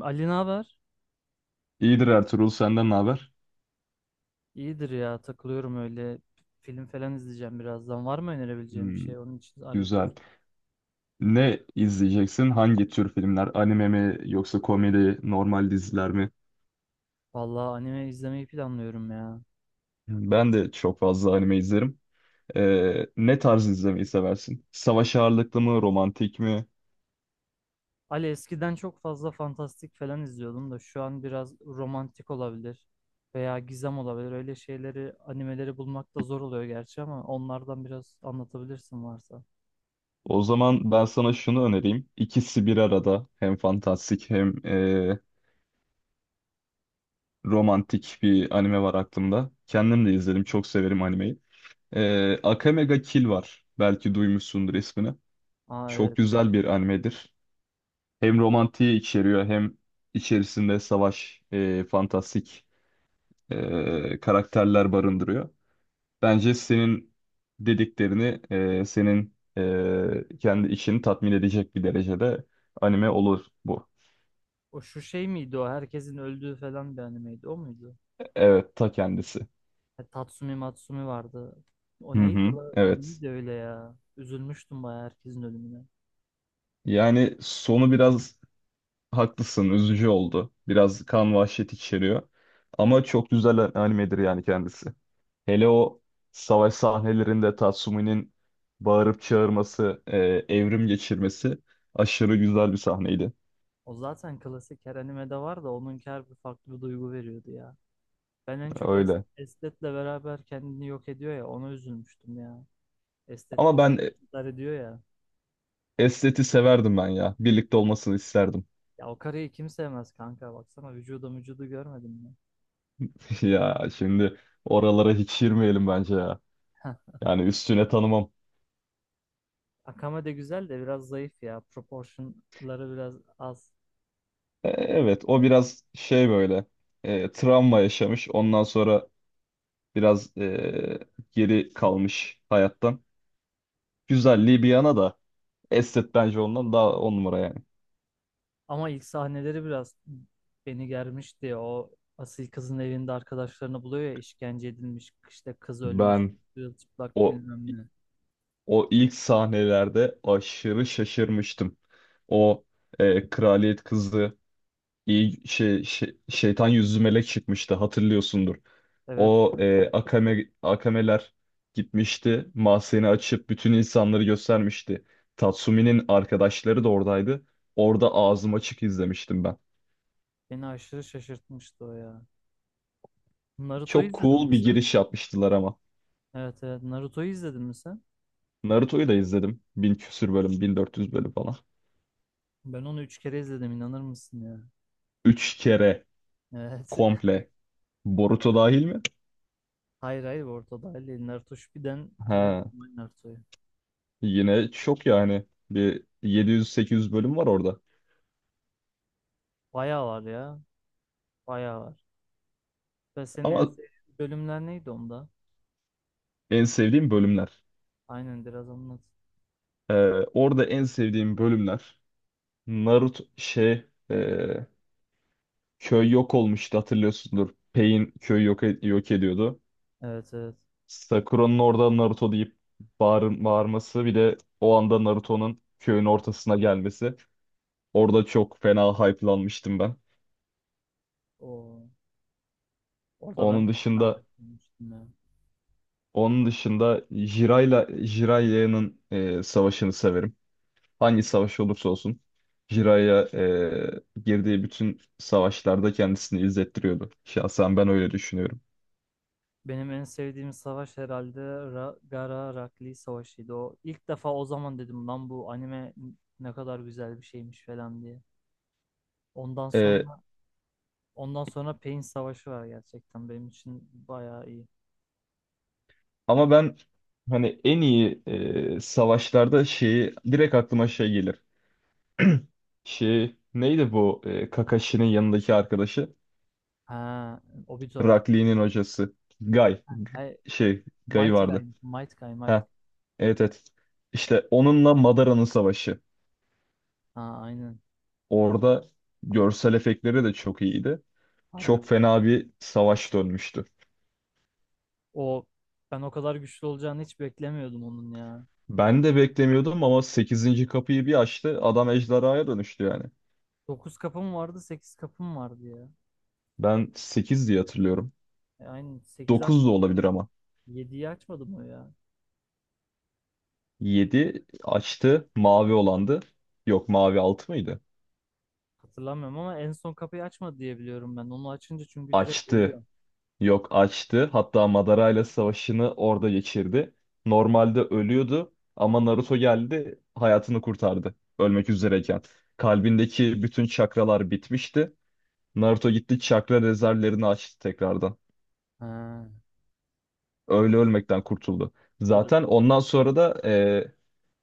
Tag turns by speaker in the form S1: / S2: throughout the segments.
S1: Ali, ne haber?
S2: İyidir Ertuğrul, senden ne haber?
S1: İyidir ya, takılıyorum öyle. Film falan izleyeceğim birazdan. Var mı önerebileceğim bir
S2: Hmm,
S1: şey? Onun için arıyordum.
S2: güzel. Ne izleyeceksin? Hangi tür filmler? Anime mi yoksa komedi, normal diziler mi?
S1: Vallahi anime izlemeyi planlıyorum ya.
S2: Ben de çok fazla anime izlerim. Ne tarz izlemeyi seversin? Savaş ağırlıklı mı, romantik mi?
S1: Ali, eskiden çok fazla fantastik falan izliyordum da şu an biraz romantik olabilir veya gizem olabilir. Öyle şeyleri, animeleri bulmak da zor oluyor gerçi ama onlardan biraz anlatabilirsin varsa.
S2: O zaman ben sana şunu önereyim. İkisi bir arada. Hem fantastik hem romantik bir anime var aklımda. Kendim de izledim, çok severim animeyi. Akame ga Kill var. Belki duymuşsundur ismini.
S1: Aa,
S2: Çok
S1: evet.
S2: güzel bir animedir. Hem romantiği içeriyor hem içerisinde savaş, fantastik karakterler barındırıyor. Bence senin dediklerini, senin kendi içini tatmin edecek bir derecede anime olur bu.
S1: O şu şey miydi o? Herkesin öldüğü falan bir animeydi. O muydu?
S2: Evet, ta kendisi.
S1: Tatsumi Matsumi vardı.
S2: Hı
S1: O neydi
S2: hı,
S1: la? O
S2: evet.
S1: neydi öyle ya? Üzülmüştüm bayağı herkesin ölümüne.
S2: Yani sonu biraz haklısın, üzücü oldu. Biraz kan vahşet içeriyor. Ama çok güzel animedir yani kendisi. Hele o savaş sahnelerinde Tatsumi'nin bağırıp çağırması, evrim geçirmesi aşırı güzel bir sahneydi.
S1: O zaten klasik her animede var da onunki her bir farklı bir duygu veriyordu ya. Ben en çok
S2: Öyle.
S1: Estet'le beraber kendini yok ediyor ya, ona üzülmüştüm ya. Estet
S2: Ama
S1: de
S2: ben
S1: intihar ediyor ya.
S2: esteti severdim ben ya. Birlikte olmasını isterdim.
S1: Ya o karıyı kim sevmez kanka, baksana vücuda vücudu görmedim mi?
S2: Ya şimdi oralara hiç girmeyelim bence ya. Yani üstüne tanımam.
S1: Akame de güzel de biraz zayıf ya. Proportionları biraz az.
S2: Evet, o biraz böyle travma yaşamış. Ondan sonra biraz geri kalmış hayattan. Güzelliği bir yana da estet bence ondan daha on numara yani.
S1: Ama ilk sahneleri biraz beni germişti. O asil kızın evinde arkadaşlarını buluyor ya, işkence edilmiş, işte kız ölmüş,
S2: Ben
S1: çıplak
S2: o
S1: bilmem ne.
S2: O ilk sahnelerde aşırı şaşırmıştım. O kraliyet kızı şeytan yüzlü melek çıkmıştı, hatırlıyorsundur.
S1: Evet,
S2: O akameler gitmişti. Mahzeni açıp bütün insanları göstermişti. Tatsumi'nin arkadaşları da oradaydı. Orada ağzım açık izlemiştim ben.
S1: beni aşırı şaşırtmıştı o ya. Naruto'yu
S2: Çok
S1: izledin
S2: cool
S1: mi
S2: bir
S1: sen?
S2: giriş yapmıştılar ama.
S1: Evet, evet, Naruto'yu izledin mi sen?
S2: Naruto'yu da izledim. 1000 küsür bölüm, 1400 bölüm falan.
S1: Ben onu üç kere izledim, inanır mısın ya?
S2: 3 kere
S1: Evet.
S2: komple. Boruto dahil mi?
S1: Hayır, hayır, ortada değil. Naruto Shippuden ve
S2: Ha.
S1: normal Naruto'yu.
S2: Yine çok yani. Bir 700-800 bölüm var orada.
S1: Bayağı var ya, bayağı var. Ve senin en
S2: Ama
S1: sevdiğin bölümler neydi onda?
S2: en sevdiğim bölümler.
S1: Aynen, biraz anlat.
S2: Ee, orada en sevdiğim bölümler Naruto e, köy yok olmuştu, hatırlıyorsundur. Pain köyü yok ediyordu.
S1: Evet, evet.
S2: Sakura'nın orada Naruto deyip bağırması, bir de o anda Naruto'nun köyün ortasına gelmesi. Orada çok fena hype'lanmıştım ben.
S1: O. Orada ben
S2: Onun
S1: de fena
S2: dışında
S1: olmuştum ya.
S2: onun dışında Jiraiya'nın savaşını severim. Hangi savaş olursa olsun Jiraiya girdiği bütün savaşlarda kendisini izlettiriyordu. Şahsen ben öyle düşünüyorum.
S1: Benim en sevdiğim savaş herhalde Gaara Rakli Savaşı'ydı. O ilk defa o zaman dedim lan bu anime ne kadar güzel bir şeymiş falan diye. Ondan
S2: E,
S1: sonra ondan sonra Pain Savaşı var, gerçekten benim için bayağı iyi.
S2: ama ben hani en iyi savaşlarda şeyi direkt aklıma şey gelir. Şey neydi bu Kakashi'nin yanındaki arkadaşı?
S1: Ha, Obito.
S2: Rakli'nin hocası. Guy.
S1: Ha,
S2: Guy
S1: Mighty
S2: vardı.
S1: Guy, Mighty Guy, Mighty.
S2: Ha, evet, evet. İşte onunla Madara'nın savaşı.
S1: Ha, aynen.
S2: Orada görsel efektleri de çok iyiydi. Çok
S1: Harbi
S2: fena bir savaş dönmüştü.
S1: o, ben o kadar güçlü olacağını hiç beklemiyordum onun ya.
S2: Ben de beklemiyordum ama sekizinci kapıyı bir açtı, adam ejderhaya dönüştü yani.
S1: Dokuz kapım vardı, 8 kapım vardı ya.
S2: Ben 8 diye hatırlıyorum.
S1: Aynen 8
S2: 9
S1: aç.
S2: da olabilir ama.
S1: 7'yi açmadı mı o ya?
S2: Yedi açtı, mavi olandı. Yok, mavi altı mıydı?
S1: Hatırlamıyorum ama en son kapıyı açmadı diye biliyorum ben. Onu açınca çünkü direkt
S2: Açtı.
S1: ölüyor.
S2: Yok, açtı. Hatta Madara ile savaşını orada geçirdi. Normalde ölüyordu ama Naruto geldi, hayatını kurtardı. Ölmek üzereyken. Kalbindeki bütün çakralar bitmişti. Naruto gitti, çakra rezervlerini açtı tekrardan.
S1: Ha. Bak,
S2: Öyle ölmekten kurtuldu.
S1: bu da.
S2: Zaten ondan sonra da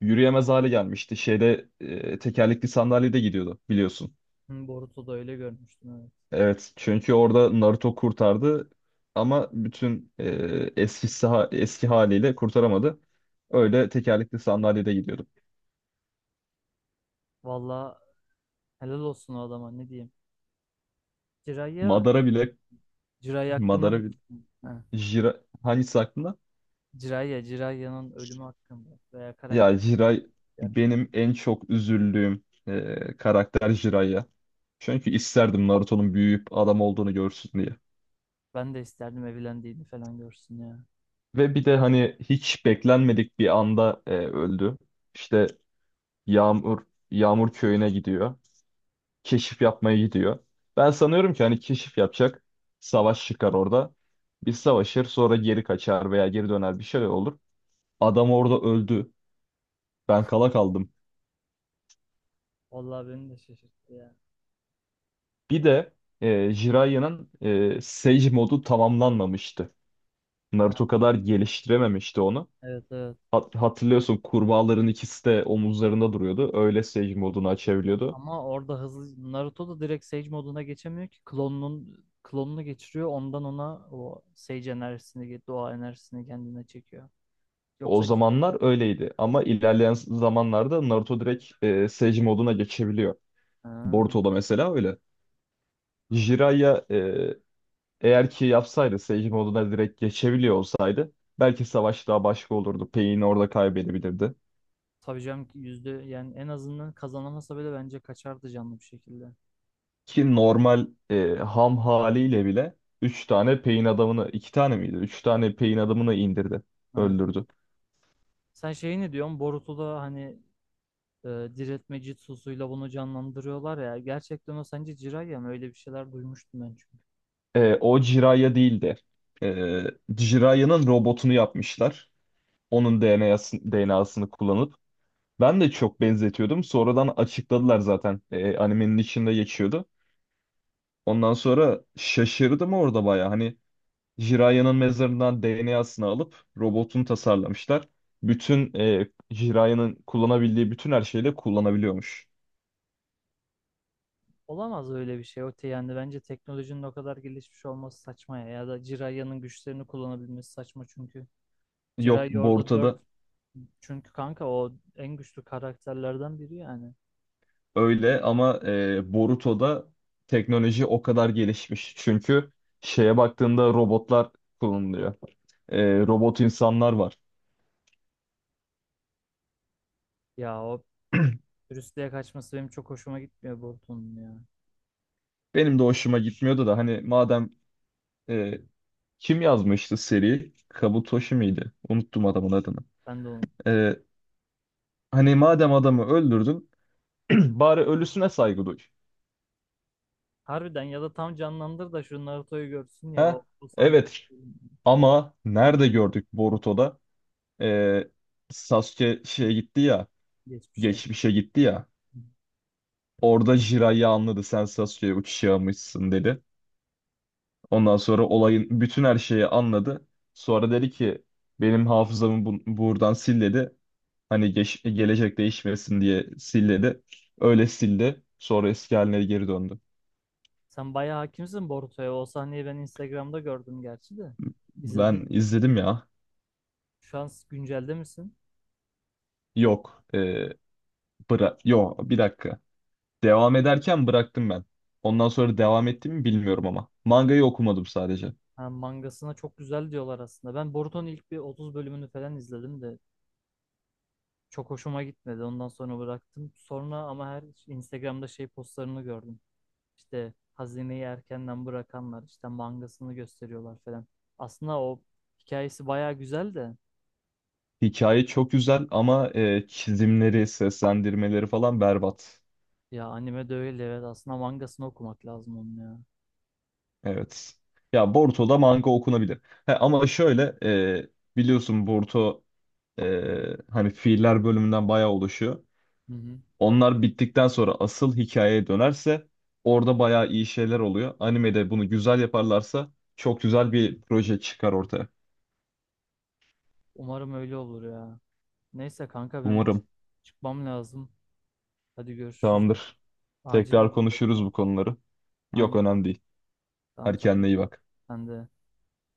S2: yürüyemez hale gelmişti. Tekerlekli sandalyede gidiyordu biliyorsun.
S1: Hı, Boruto'da öyle görmüştüm, evet.
S2: Evet, çünkü orada Naruto kurtardı ama bütün eski haliyle kurtaramadı. Öyle tekerlekli sandalyede gidiyordu.
S1: Valla, helal olsun o adama, ne diyeyim. Jiraiya,
S2: Madara bile
S1: Jiraiya hakkında,
S2: Madara bile
S1: ha.
S2: Jira hangisi aklında?
S1: Jiraiya'nın ölümü hakkında veya karakter
S2: Ya Jirai
S1: hakkında.
S2: benim en çok üzüldüğüm karakter Jiraiya. Çünkü isterdim Naruto'nun büyüyüp adam olduğunu görsün diye.
S1: Ben de isterdim evlendiğini falan görsün ya.
S2: Ve bir de hani hiç beklenmedik bir anda öldü. İşte Yağmur Yağmur köyüne gidiyor. Keşif yapmaya gidiyor. Ben sanıyorum ki hani keşif yapacak. Savaş çıkar orada. Bir savaşır, sonra geri kaçar veya geri döner, bir şey olur. Adam orada öldü. Ben kala kaldım.
S1: Vallahi beni de şaşırttı ya.
S2: Bir de Jiraiya'nın Sage modu tamamlanmamıştı.
S1: Ha,
S2: Naruto kadar geliştirememişti onu.
S1: evet, evet.
S2: Hatırlıyorsun, kurbağaların ikisi de omuzlarında duruyordu. Öyle Sage modunu açabiliyordu.
S1: Ama orada hızlı Naruto da direkt Sage moduna geçemiyor ki klonunun klonunu geçiriyor, ondan ona o Sage enerjisini, doğa enerjisini kendine çekiyor.
S2: O
S1: Yoksa
S2: zamanlar öyleydi ama ilerleyen zamanlarda Naruto direkt Sage moduna geçebiliyor.
S1: ha,
S2: Boruto'da mesela öyle. Jiraiya eğer ki yapsaydı, Sage moduna direkt geçebiliyor olsaydı belki savaş daha başka olurdu. Pain orada kaybedebilirdi.
S1: tabii canım ki, yüzde yani en azından kazanamasa bile bence kaçardı canlı bir şekilde.
S2: Ki normal ham haliyle bile 3 tane Pain adamını, 2 tane miydi? Üç tane Pain adamını indirdi.
S1: Evet.
S2: Öldürdü.
S1: Sen şeyi ne diyorsun? Boruto'da hani e, diriltme jutsusuyla bunu canlandırıyorlar ya. Gerçekten o sence Jiraiya mı? Öyle bir şeyler duymuştum ben çünkü.
S2: O Jiraiya değildi. E, Jiraiya'nın robotunu yapmışlar. Onun DNA'sını kullanıp. Ben de çok benzetiyordum. Sonradan açıkladılar zaten. Animenin içinde geçiyordu. Ondan sonra şaşırdım orada baya. Hani Jiraiyan'ın mezarından DNA'sını alıp robotunu tasarlamışlar. Bütün Jiraiyan'ın kullanabildiği bütün her şeyle kullanabiliyormuş.
S1: Olamaz öyle bir şey Öte, yani bence teknolojinin o kadar gelişmiş olması saçma ya, ya da Jiraiya'nın güçlerini kullanabilmesi saçma çünkü
S2: Yok,
S1: Jiraiya orada dört,
S2: Boruto'da
S1: çünkü kanka o en güçlü karakterlerden biri yani.
S2: öyle ama Boruto'da teknoloji o kadar gelişmiş. Çünkü şeye baktığında robotlar kullanılıyor. Robot insanlar var.
S1: Ya, o Brüssel'e kaçması benim çok hoşuma gitmiyor Boruto'nun ya.
S2: Benim de hoşuma gitmiyordu da hani madem e, kim yazmıştı seri? Kabutoshi miydi? Unuttum adamın adını.
S1: Ben de onu
S2: Ee, hani madem adamı öldürdün, bari ölüsüne saygı duy.
S1: harbiden, ya da tam canlandır da şu Naruto'yu görsün ya, o,
S2: Ha?
S1: o sahne.
S2: Evet. Ama nerede gördük Boruto'da? Ee, Sasuke şeye gitti ya,
S1: Geçmişe.
S2: geçmişe gitti ya. Orada Jiraiya anladı, sen Sasuke'ye uçuş almışsın dedi. Ondan sonra olayın bütün her şeyi anladı. Sonra dedi ki, benim hafızamı buradan sil dedi. Hani gelecek değişmesin diye silledi. Öyle sildi. Sonra eski haline geri döndü.
S1: Sen bayağı hakimsin Boruto'ya, o sahneyi ben Instagram'da gördüm gerçi de. İzledin
S2: Ben izledim ya.
S1: şu an güncelde misin?
S2: Yok. E, bıra Yok, bir dakika. Devam ederken bıraktım ben. Ondan sonra devam ettim mi bilmiyorum ama. Mangayı okumadım sadece.
S1: Ha, mangasına çok güzel diyorlar aslında. Ben Boruto'nun ilk bir 30 bölümünü falan izledim de çok hoşuma gitmedi. Ondan sonra bıraktım. Sonra ama her Instagram'da şey postlarını gördüm. İşte hazineyi erkenden bırakanlar işte mangasını gösteriyorlar falan. Aslında o hikayesi baya güzel de,
S2: Hikaye çok güzel ama çizimleri, seslendirmeleri falan berbat.
S1: ya anime de öyle, evet. Aslında mangasını okumak lazım onun ya.
S2: Evet. Ya Boruto'da manga okunabilir. He, ama şöyle e, biliyorsun Boruto e, hani fiiller bölümünden bayağı oluşuyor.
S1: Hı hı.
S2: Onlar bittikten sonra asıl hikayeye dönerse orada bayağı iyi şeyler oluyor. Animede bunu güzel yaparlarsa çok güzel bir proje çıkar ortaya.
S1: Umarım öyle olur ya. Neyse kanka, ben
S2: Umarım.
S1: çıkmam lazım. Hadi görüşürüz.
S2: Tamamdır.
S1: Acil
S2: Tekrar
S1: oldu biraz
S2: konuşuruz bu
S1: ama.
S2: konuları. Yok,
S1: Aynen.
S2: önemli değil.
S1: Tamam,
S2: Hadi
S1: tamam.
S2: kendine iyi bak.
S1: Sen de.